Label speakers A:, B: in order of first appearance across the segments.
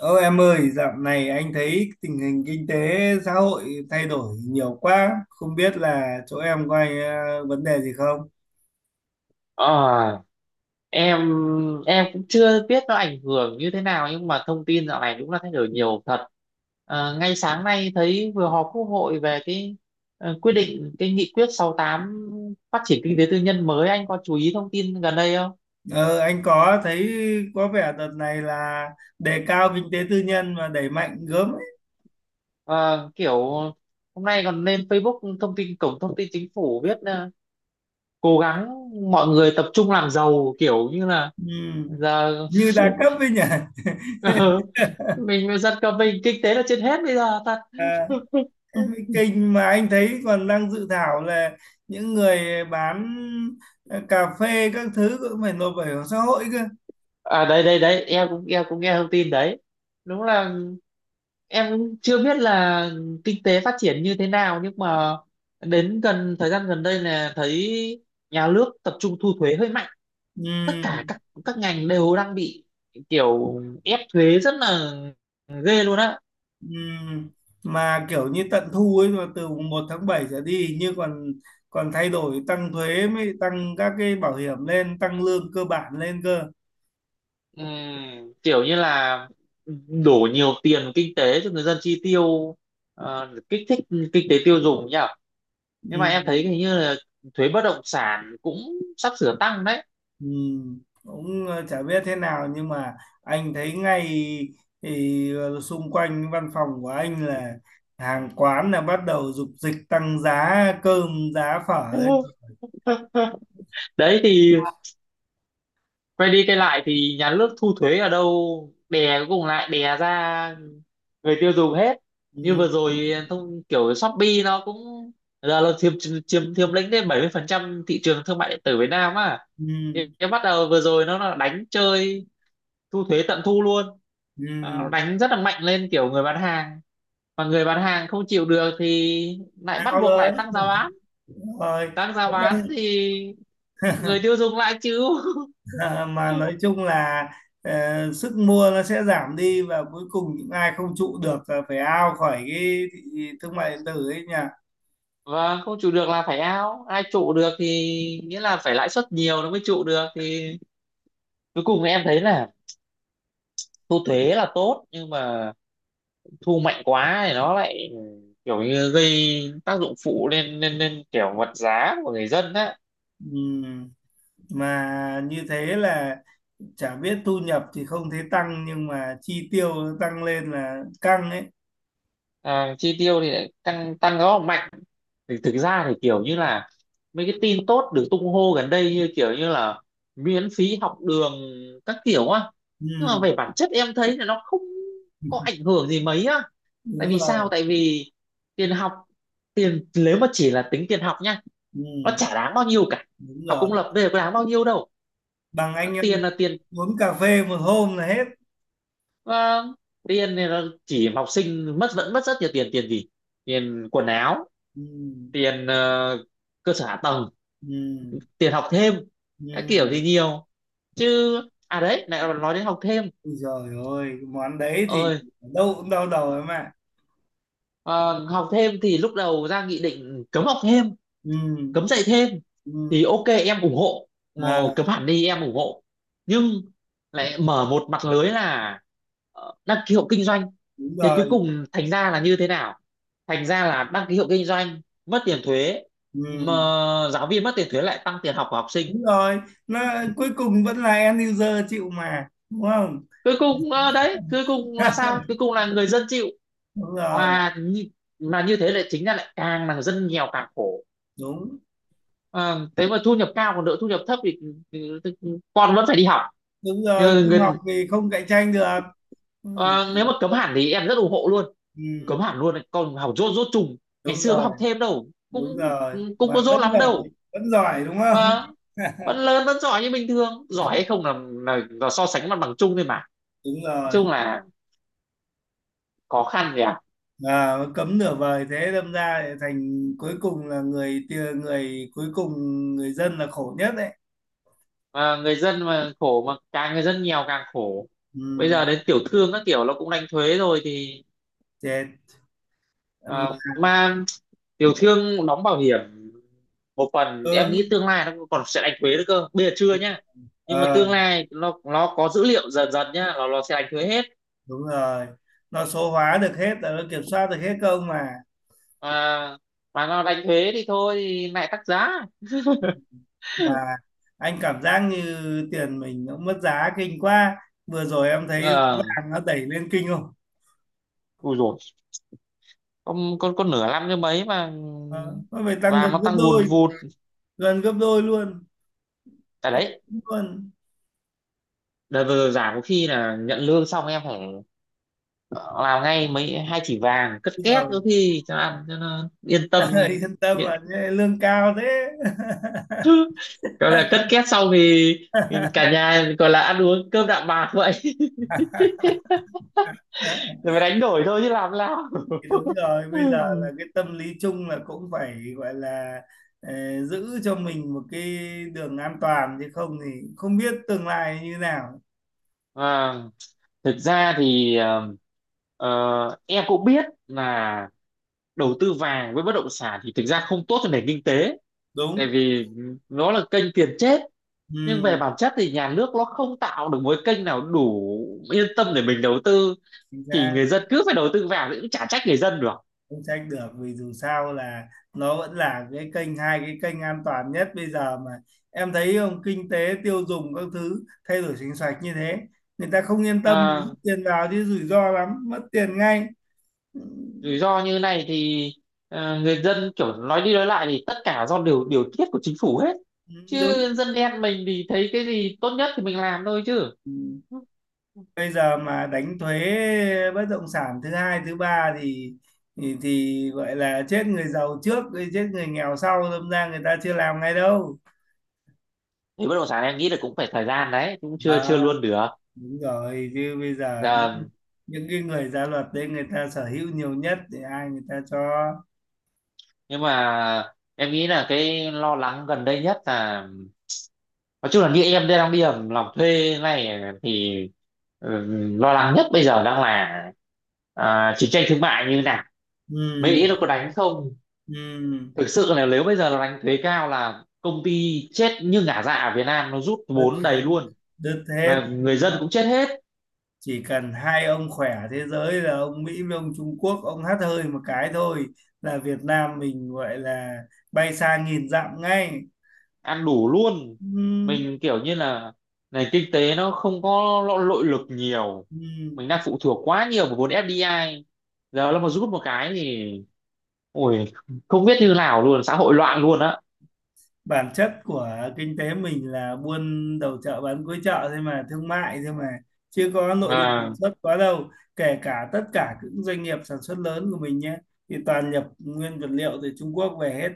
A: Ô em ơi, dạo này anh thấy tình hình kinh tế xã hội thay đổi nhiều quá, không biết là chỗ em có ai, vấn đề gì không?
B: Ờ, em em cũng chưa biết nó ảnh hưởng như thế nào nhưng mà thông tin dạo này đúng là thay đổi nhiều thật. Ờ, ngay sáng nay thấy vừa họp Quốc hội về cái quyết định cái nghị quyết 68 phát triển kinh tế tư nhân mới, anh có chú ý thông tin gần đây không?
A: Ờ, anh có thấy có vẻ đợt này là đề cao kinh tế tư nhân và đẩy mạnh gớm ấy.
B: Ờ, kiểu hôm nay còn lên Facebook, thông tin cổng thông tin chính phủ viết cố gắng mọi người tập trung làm giàu, kiểu như là
A: Ừ.
B: giờ.
A: Như đa cấp ấy nhỉ?
B: Ừ. Mình dân cả mình kinh tế là trên hết bây giờ thật.
A: À, thế mới kinh, mà anh thấy còn đang dự thảo là những người bán cà phê các thứ cũng phải nộp bảo hiểm xã hội cơ.
B: À đây đây đây, em cũng nghe thông tin đấy. Đúng là em cũng chưa biết là kinh tế phát triển như thế nào, nhưng mà đến gần thời gian gần đây là thấy nhà nước tập trung thu thuế hơi mạnh. Tất
A: Ừ.
B: cả các ngành đều đang bị kiểu ép thuế rất là ghê luôn á.
A: Ừm, mà kiểu như tận thu ấy, mà từ mùng 1 tháng 7 trở đi hình như còn còn thay đổi, tăng thuế mới, tăng các cái bảo hiểm lên, tăng lương cơ bản lên cơ.
B: Kiểu như là đổ nhiều tiền kinh tế cho người dân chi tiêu, kích thích kinh tế tiêu dùng nhỉ. Nhưng mà em thấy hình
A: Ừm,
B: như là thuế bất động sản cũng sắp sửa tăng đấy.
A: cũng chả biết thế nào nhưng mà anh thấy ngay thì xung quanh văn phòng của anh là hàng quán là bắt đầu dục dịch tăng giá cơm, giá phở đấy.
B: Đấy thì quay đi quay lại thì nhà nước thu thuế ở đâu, đè cuối cùng lại đè ra người tiêu dùng hết. Như
A: Ừm,
B: vừa rồi thông kiểu Shopee nó cũng giờ là chiếm chiếm chiếm lĩnh đến 70% thị trường thương mại điện tử Việt Nam á. Thì
A: ừm,
B: cái bắt đầu vừa rồi nó là đánh chơi thu thuế tận thu luôn.
A: ừm.
B: Ờ, đánh rất là mạnh lên kiểu người bán hàng, mà người bán hàng không chịu được thì lại bắt
A: Ao
B: buộc lại
A: đấy
B: tăng giá bán.
A: rồi.
B: Tăng giá bán thì người tiêu dùng lại chịu.
A: Ờ, mà nói chung là sức mua nó sẽ giảm đi và cuối cùng những ai không trụ được là phải out khỏi cái thị thương mại điện tử ấy nhỉ.
B: Và không trụ được là phải, ao ai trụ được thì nghĩa là phải lãi suất nhiều nó mới trụ được. Thì cuối cùng em thấy là thu thuế là tốt, nhưng mà thu mạnh quá thì nó lại kiểu như gây tác dụng phụ lên lên lên kiểu vật giá của người dân á.
A: Ừm, mà như thế là chả biết thu nhập thì không thấy tăng nhưng mà chi tiêu nó tăng lên là căng ấy.
B: À, chi tiêu thì lại tăng tăng rất là mạnh. Thì thực ra thì kiểu như là mấy cái tin tốt được tung hô gần đây như kiểu như là miễn phí học đường các kiểu á. Nhưng mà
A: Ừm,
B: về bản chất em thấy là nó không có ảnh hưởng gì mấy á. Tại
A: đúng
B: vì sao?
A: rồi.
B: Tại vì tiền học, tiền nếu mà chỉ là tính tiền học nha, nó
A: Ừm,
B: chả đáng bao nhiêu cả.
A: đúng
B: Học công
A: rồi,
B: lập bây giờ có đáng bao nhiêu đâu.
A: bằng
B: Nó
A: anh em
B: tiền là tiền,
A: uống cà phê một hôm là hết.
B: ờ, tiền thì nó chỉ học sinh mất, vẫn mất rất nhiều tiền. Tiền gì? Tiền quần áo,
A: Ừm,
B: tiền cơ sở hạ tầng,
A: ừm,
B: tiền học thêm các kiểu
A: ừm.
B: thì nhiều chứ. À đấy lại nói đến học thêm
A: Ui giời ơi, cái món đấy thì
B: ơi.
A: ở đâu cũng đau đầu em ạ.
B: Ờ, Học thêm thì lúc đầu ra nghị định cấm học thêm,
A: Ừ,
B: cấm dạy thêm
A: ừ,
B: thì ok, em ủng hộ. Ờ,
A: à,
B: cấm hẳn đi em ủng hộ, nhưng lại mở một mặt lưới là đăng ký hộ kinh doanh.
A: đúng
B: Thế cuối
A: rồi,
B: cùng thành ra là như thế nào? Thành ra là đăng ký hộ kinh doanh mất tiền thuế, mà
A: ừ,
B: giáo viên mất tiền thuế lại tăng tiền học của học sinh.
A: đúng rồi. Nó cuối cùng vẫn là end user chịu mà, đúng không?
B: Cuối cùng đấy cuối cùng là sao? Cuối cùng là người dân chịu.
A: Đúng rồi,
B: Mà như, mà như thế lại chính ra lại càng là dân nghèo càng khổ.
A: đúng,
B: Ờ, thế mà thu nhập cao còn đỡ, thu nhập thấp thì con vẫn phải đi học.
A: đúng rồi.
B: Ờ,
A: Không học thì không cạnh tranh được. Ui
B: nếu mà
A: giời,
B: cấm hẳn thì em rất ủng hộ luôn,
A: ừ,
B: cấm hẳn luôn con học dốt dốt trùng. Ngày
A: đúng
B: xưa có
A: rồi,
B: học thêm đâu,
A: đúng
B: cũng
A: rồi.
B: cũng
A: Mà
B: có dốt lắm đâu.
A: vẫn giỏi đúng không?
B: Ờ, vẫn lớn vẫn giỏi như bình thường. Giỏi hay không là so sánh mặt bằng chung thôi mà, nói
A: Đúng rồi.
B: chung là khó khăn nhỉ.
A: À, cấm nửa vời thế đâm ra lại thành cuối cùng là người cuối cùng, người dân là khổ nhất đấy.
B: Mà người dân mà khổ, mà càng người dân nghèo càng khổ. Bây giờ
A: Ừ,
B: đến tiểu thương các kiểu nó cũng đánh thuế rồi thì
A: chết. Ừm,
B: ờ, mà tiểu thương đóng bảo hiểm một phần, em
A: ừ,
B: nghĩ tương lai nó còn sẽ đánh thuế nữa cơ, bây giờ chưa nhá. Nhưng mà tương
A: ờ,
B: lai nó có dữ liệu dần dần nhá, nó sẽ đánh thuế hết.
A: đúng rồi, nó số hóa được hết, nó kiểm soát được hết công mà.
B: Mà mà nó đánh thuế thì thôi thì lại tăng giá.
A: Mà anh cảm giác như tiền mình nó mất giá kinh quá, vừa rồi em thấy giá
B: ờ
A: vàng nó đẩy lên kinh không.
B: Ui rồi, con nửa năm như mấy mà
A: Ờ, nó phải tăng gần
B: vàng nó
A: gấp
B: tăng vùn
A: đôi,
B: vụt.
A: gần gấp đôi luôn,
B: Tại
A: quá
B: đấy
A: luôn
B: đợt vừa rồi giảm có khi là nhận lương xong em phải, ờ, làm ngay mấy 2 chỉ vàng cất két có
A: rồi.
B: khi cho ăn, cho nó yên tâm.
A: Yên tâm mà lương cao thế.
B: Gọi là cất két xong thì cả nhà gọi là ăn uống cơm đạm bạc vậy. Rồi phải đánh đổi thôi chứ làm sao.
A: Thì đúng rồi, bây giờ là cái tâm lý chung là cũng phải gọi là giữ cho mình một cái đường an toàn, chứ không thì không biết tương lai như nào.
B: À, thực ra thì em cũng biết là đầu tư vàng với bất động sản thì thực ra không tốt cho nền kinh tế. Tại
A: Đúng.
B: vì nó là kênh tiền chết. Nhưng
A: Ừ,
B: về bản chất thì nhà nước nó không tạo được một cái kênh nào đủ yên tâm để mình đầu tư.
A: chính
B: Thì
A: xác.
B: người dân cứ phải đầu tư vào thì cũng chả trách người dân được.
A: Không trách được vì dù sao là nó vẫn là cái kênh hai cái kênh an toàn nhất bây giờ mà. Em thấy không, kinh tế tiêu dùng các thứ thay đổi chính sách như thế, người ta không yên tâm rút
B: À,
A: tiền vào chứ rủi ro lắm, mất tiền ngay.
B: rủi ro như này thì người dân kiểu nói đi nói lại thì tất cả do điều điều tiết của chính phủ hết.
A: Ừ, đúng.
B: Chứ dân đen mình thì thấy cái gì tốt nhất thì mình làm thôi chứ.
A: Ừ. Bây giờ mà đánh thuế bất động sản thứ hai thứ ba thì thì gọi là chết người giàu trước rồi chết người nghèo sau, đâm ra người ta chưa làm ngay đâu.
B: Thì bất động sản em nghĩ là cũng phải thời gian, đấy cũng chưa
A: À,
B: chưa luôn được.
A: đúng rồi, chứ bây giờ những,
B: Dạ,
A: những cái người ra luật đấy người ta sở hữu nhiều nhất thì ai người ta cho.
B: nhưng mà em nghĩ là cái lo lắng gần đây nhất là, nói chung là như em đang đi làm thuê này thì ừ, lo lắng nhất bây giờ đang là chiến tranh thương mại như nào.
A: Ừ,
B: Mỹ nó có đánh không?
A: ừ,
B: Thực sự là nếu bây giờ nó đánh thuế cao là công ty chết như ngả, dạ ở Việt Nam nó rút vốn đầy luôn,
A: đứt hết.
B: là người dân cũng chết hết,
A: Chỉ cần hai ông khỏe thế giới là ông Mỹ với ông Trung Quốc, ông hắt hơi một cái thôi là Việt Nam mình gọi là bay xa nghìn dặm ngay.
B: ăn đủ luôn.
A: Ừ.
B: Mình kiểu như là nền kinh tế nó không có nội lực nhiều.
A: Ừ,
B: Mình đang phụ thuộc quá nhiều vào vốn FDI, giờ nó mà rút một cái thì ôi, không biết như nào luôn, xã hội loạn luôn á.
A: bản chất của kinh tế mình là buôn đầu chợ bán cuối chợ thôi mà, thương mại thôi mà, chứ có nội lực sản
B: à,
A: xuất quá đâu. Kể cả tất cả những doanh nghiệp sản xuất lớn của mình nhé thì toàn nhập nguyên vật liệu từ Trung Quốc về hết.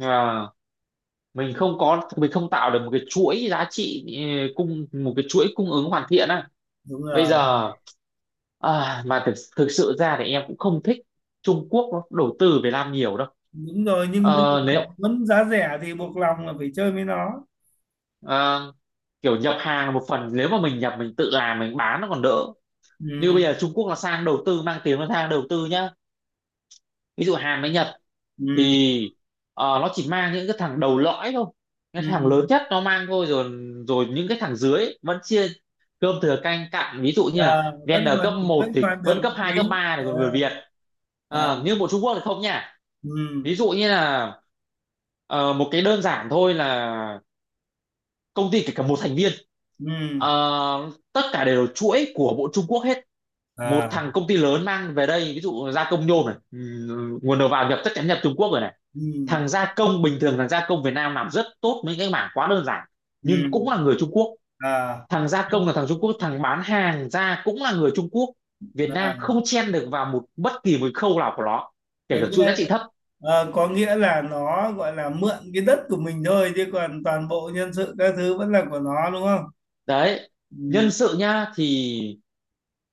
B: à, mình không tạo được một cái chuỗi giá trị, ừ, cung một cái chuỗi cung ứng hoàn thiện á.
A: Đúng
B: Bây
A: rồi.
B: giờ mà thực thực sự ra thì em cũng không thích Trung Quốc nó đầu tư Việt Nam nhiều đâu.
A: Đúng rồi, nhưng bây
B: Ờ,
A: giờ muốn giá rẻ thì buộc lòng là phải chơi với nó.
B: à, kiểu nhập hàng một phần, nếu mà mình nhập mình tự làm mình bán nó còn đỡ. Như
A: Ừ,
B: bây giờ Trung Quốc là sang đầu tư, mang tiếng nó sang đầu tư nhá, ví dụ Hàn với Nhật
A: ừ,
B: thì nó chỉ mang những cái thằng đầu lõi thôi,
A: ừ.
B: cái thằng lớn nhất nó mang thôi rồi. Rồi những cái thằng dưới ấy vẫn chia cơm thừa canh cặn, ví dụ như
A: À,
B: là
A: vẫn
B: Vendor cấp
A: còn, vẫn
B: một thì
A: còn được
B: vẫn cấp
A: một
B: 2
A: tí.
B: cấp 3 này,
A: À,
B: còn người Việt.
A: à,
B: Ờ, nhưng bộ Trung Quốc thì không nha.
A: ừ,
B: Ví dụ như là một cái đơn giản thôi là công ty kể cả một thành viên,
A: ừ,
B: ờ, tất cả đều là chuỗi của bộ Trung Quốc hết. Một
A: à,
B: thằng công ty lớn mang về đây ví dụ gia công nhôm này, nguồn đầu vào nhập chắc chắn nhập Trung Quốc rồi này.
A: ừ,
B: Thằng gia công bình thường, thằng gia công Việt Nam làm rất tốt mấy cái mảng quá đơn giản,
A: ừ,
B: nhưng cũng là người Trung Quốc.
A: à.
B: Thằng gia công là thằng Trung Quốc, thằng bán hàng ra cũng là người Trung Quốc. Việt Nam
A: À.
B: không chen được vào một bất kỳ một khâu nào của nó, kể
A: có
B: cả chuỗi giá
A: nghĩa
B: trị thấp.
A: có nghĩa là nó gọi là mượn cái đất của mình thôi, chứ còn toàn bộ nhân sự các thứ vẫn là của nó, đúng không.
B: Đấy nhân
A: Ừ.
B: sự nhá, thì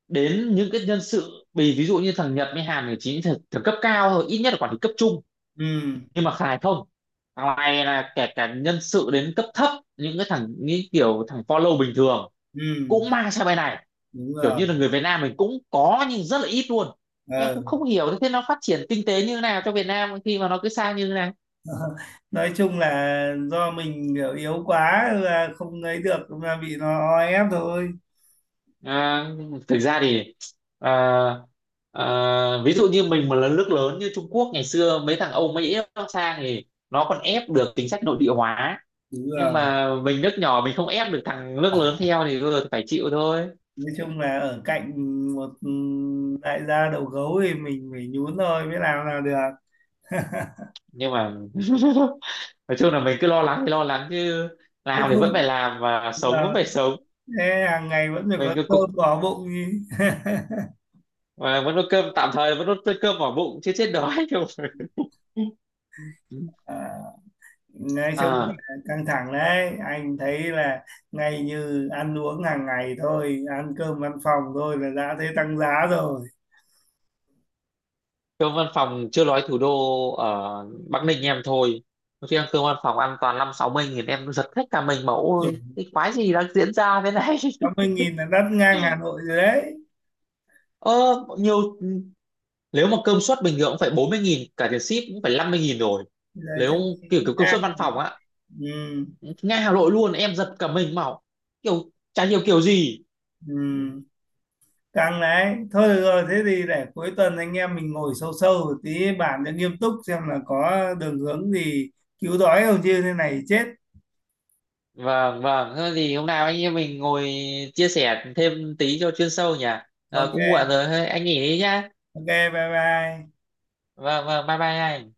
B: đến những cái nhân sự, vì ví dụ như thằng Nhật với Hàn thì chỉ thằng cấp cao thôi, ít nhất là quản lý cấp trung.
A: Ừ,
B: Nhưng mà Khải không, thằng này là kể cả nhân sự đến cấp thấp, những cái thằng như kiểu thằng follow bình thường
A: ừ.
B: cũng mang sang bên này.
A: Đúng
B: Kiểu
A: rồi.
B: như là người Việt Nam mình cũng có nhưng rất là ít luôn. Em
A: Ờ.
B: cũng không hiểu thế nó phát triển kinh tế như thế nào cho Việt Nam khi mà nó cứ sang như thế này.
A: Nói chung là do mình kiểu yếu quá là không lấy được mà bị nó o ép thôi.
B: À, thực ra thì à, ví dụ như mình mà là nước lớn như Trung Quốc, ngày xưa mấy thằng Âu Mỹ nó sang thì nó còn ép được chính sách nội địa hóa.
A: Đúng
B: Nhưng
A: rồi.
B: mà mình nước nhỏ, mình không ép được thằng nước lớn theo thì vừa phải chịu thôi.
A: Nói chung là ở cạnh một đại gia đầu gấu thì mình phải nhún thôi mới làm là được.
B: Nhưng mà nói chung là mình cứ lo lắng thì lo lắng chứ,
A: Cũng
B: làm thì vẫn
A: không.
B: phải làm và
A: Đúng
B: sống vẫn
A: rồi.
B: phải sống.
A: Thế hàng ngày vẫn phải
B: Mình
A: có
B: cứ cục
A: cơm bỏ bụng đi.
B: và vẫn có cơm tạm thời vẫn có cơm vào bụng chứ chết đói đâu.
A: À. Nói chung là
B: À
A: căng thẳng đấy, anh thấy là ngay như ăn uống hàng ngày thôi, ăn cơm văn phòng thôi là đã thấy tăng giá rồi.
B: cơm văn phòng chưa nói thủ đô, ở Bắc Ninh em thôi. Có khi ăn cơm văn phòng ăn toàn năm sáu mươi nghìn, em giật hết cả mình. Mẫu ơi, cái quái gì đang diễn ra thế này!
A: 80.000 là đắt ngang Hà Nội rồi đấy.
B: Ờ, nhiều. Nếu mà cơm suất bình thường cũng phải 40.000, cả tiền ship cũng phải 50.000 rồi.
A: Giờ
B: Nếu
A: chắc
B: kiểu kiểu cơm suất
A: ngang
B: văn
A: rồi.
B: phòng á,
A: Ừ,
B: ngay Hà Nội luôn, em giật cả mình màu, kiểu chả hiểu kiểu gì.
A: ừ. Căng đấy. Thôi được rồi, thế thì để cuối tuần anh em mình ngồi sâu sâu một tí bàn cho nghiêm túc xem là có đường hướng gì cứu đói không chứ thế này chết.
B: Vâng, vâng, thế thì hôm nào anh em mình ngồi chia sẻ thêm tí cho chuyên sâu nhỉ. Ờ,
A: OK,
B: cũng muộn rồi, thôi anh nghỉ đi nhá.
A: ok, bye bye.
B: Vâng, vâng, bye bye anh.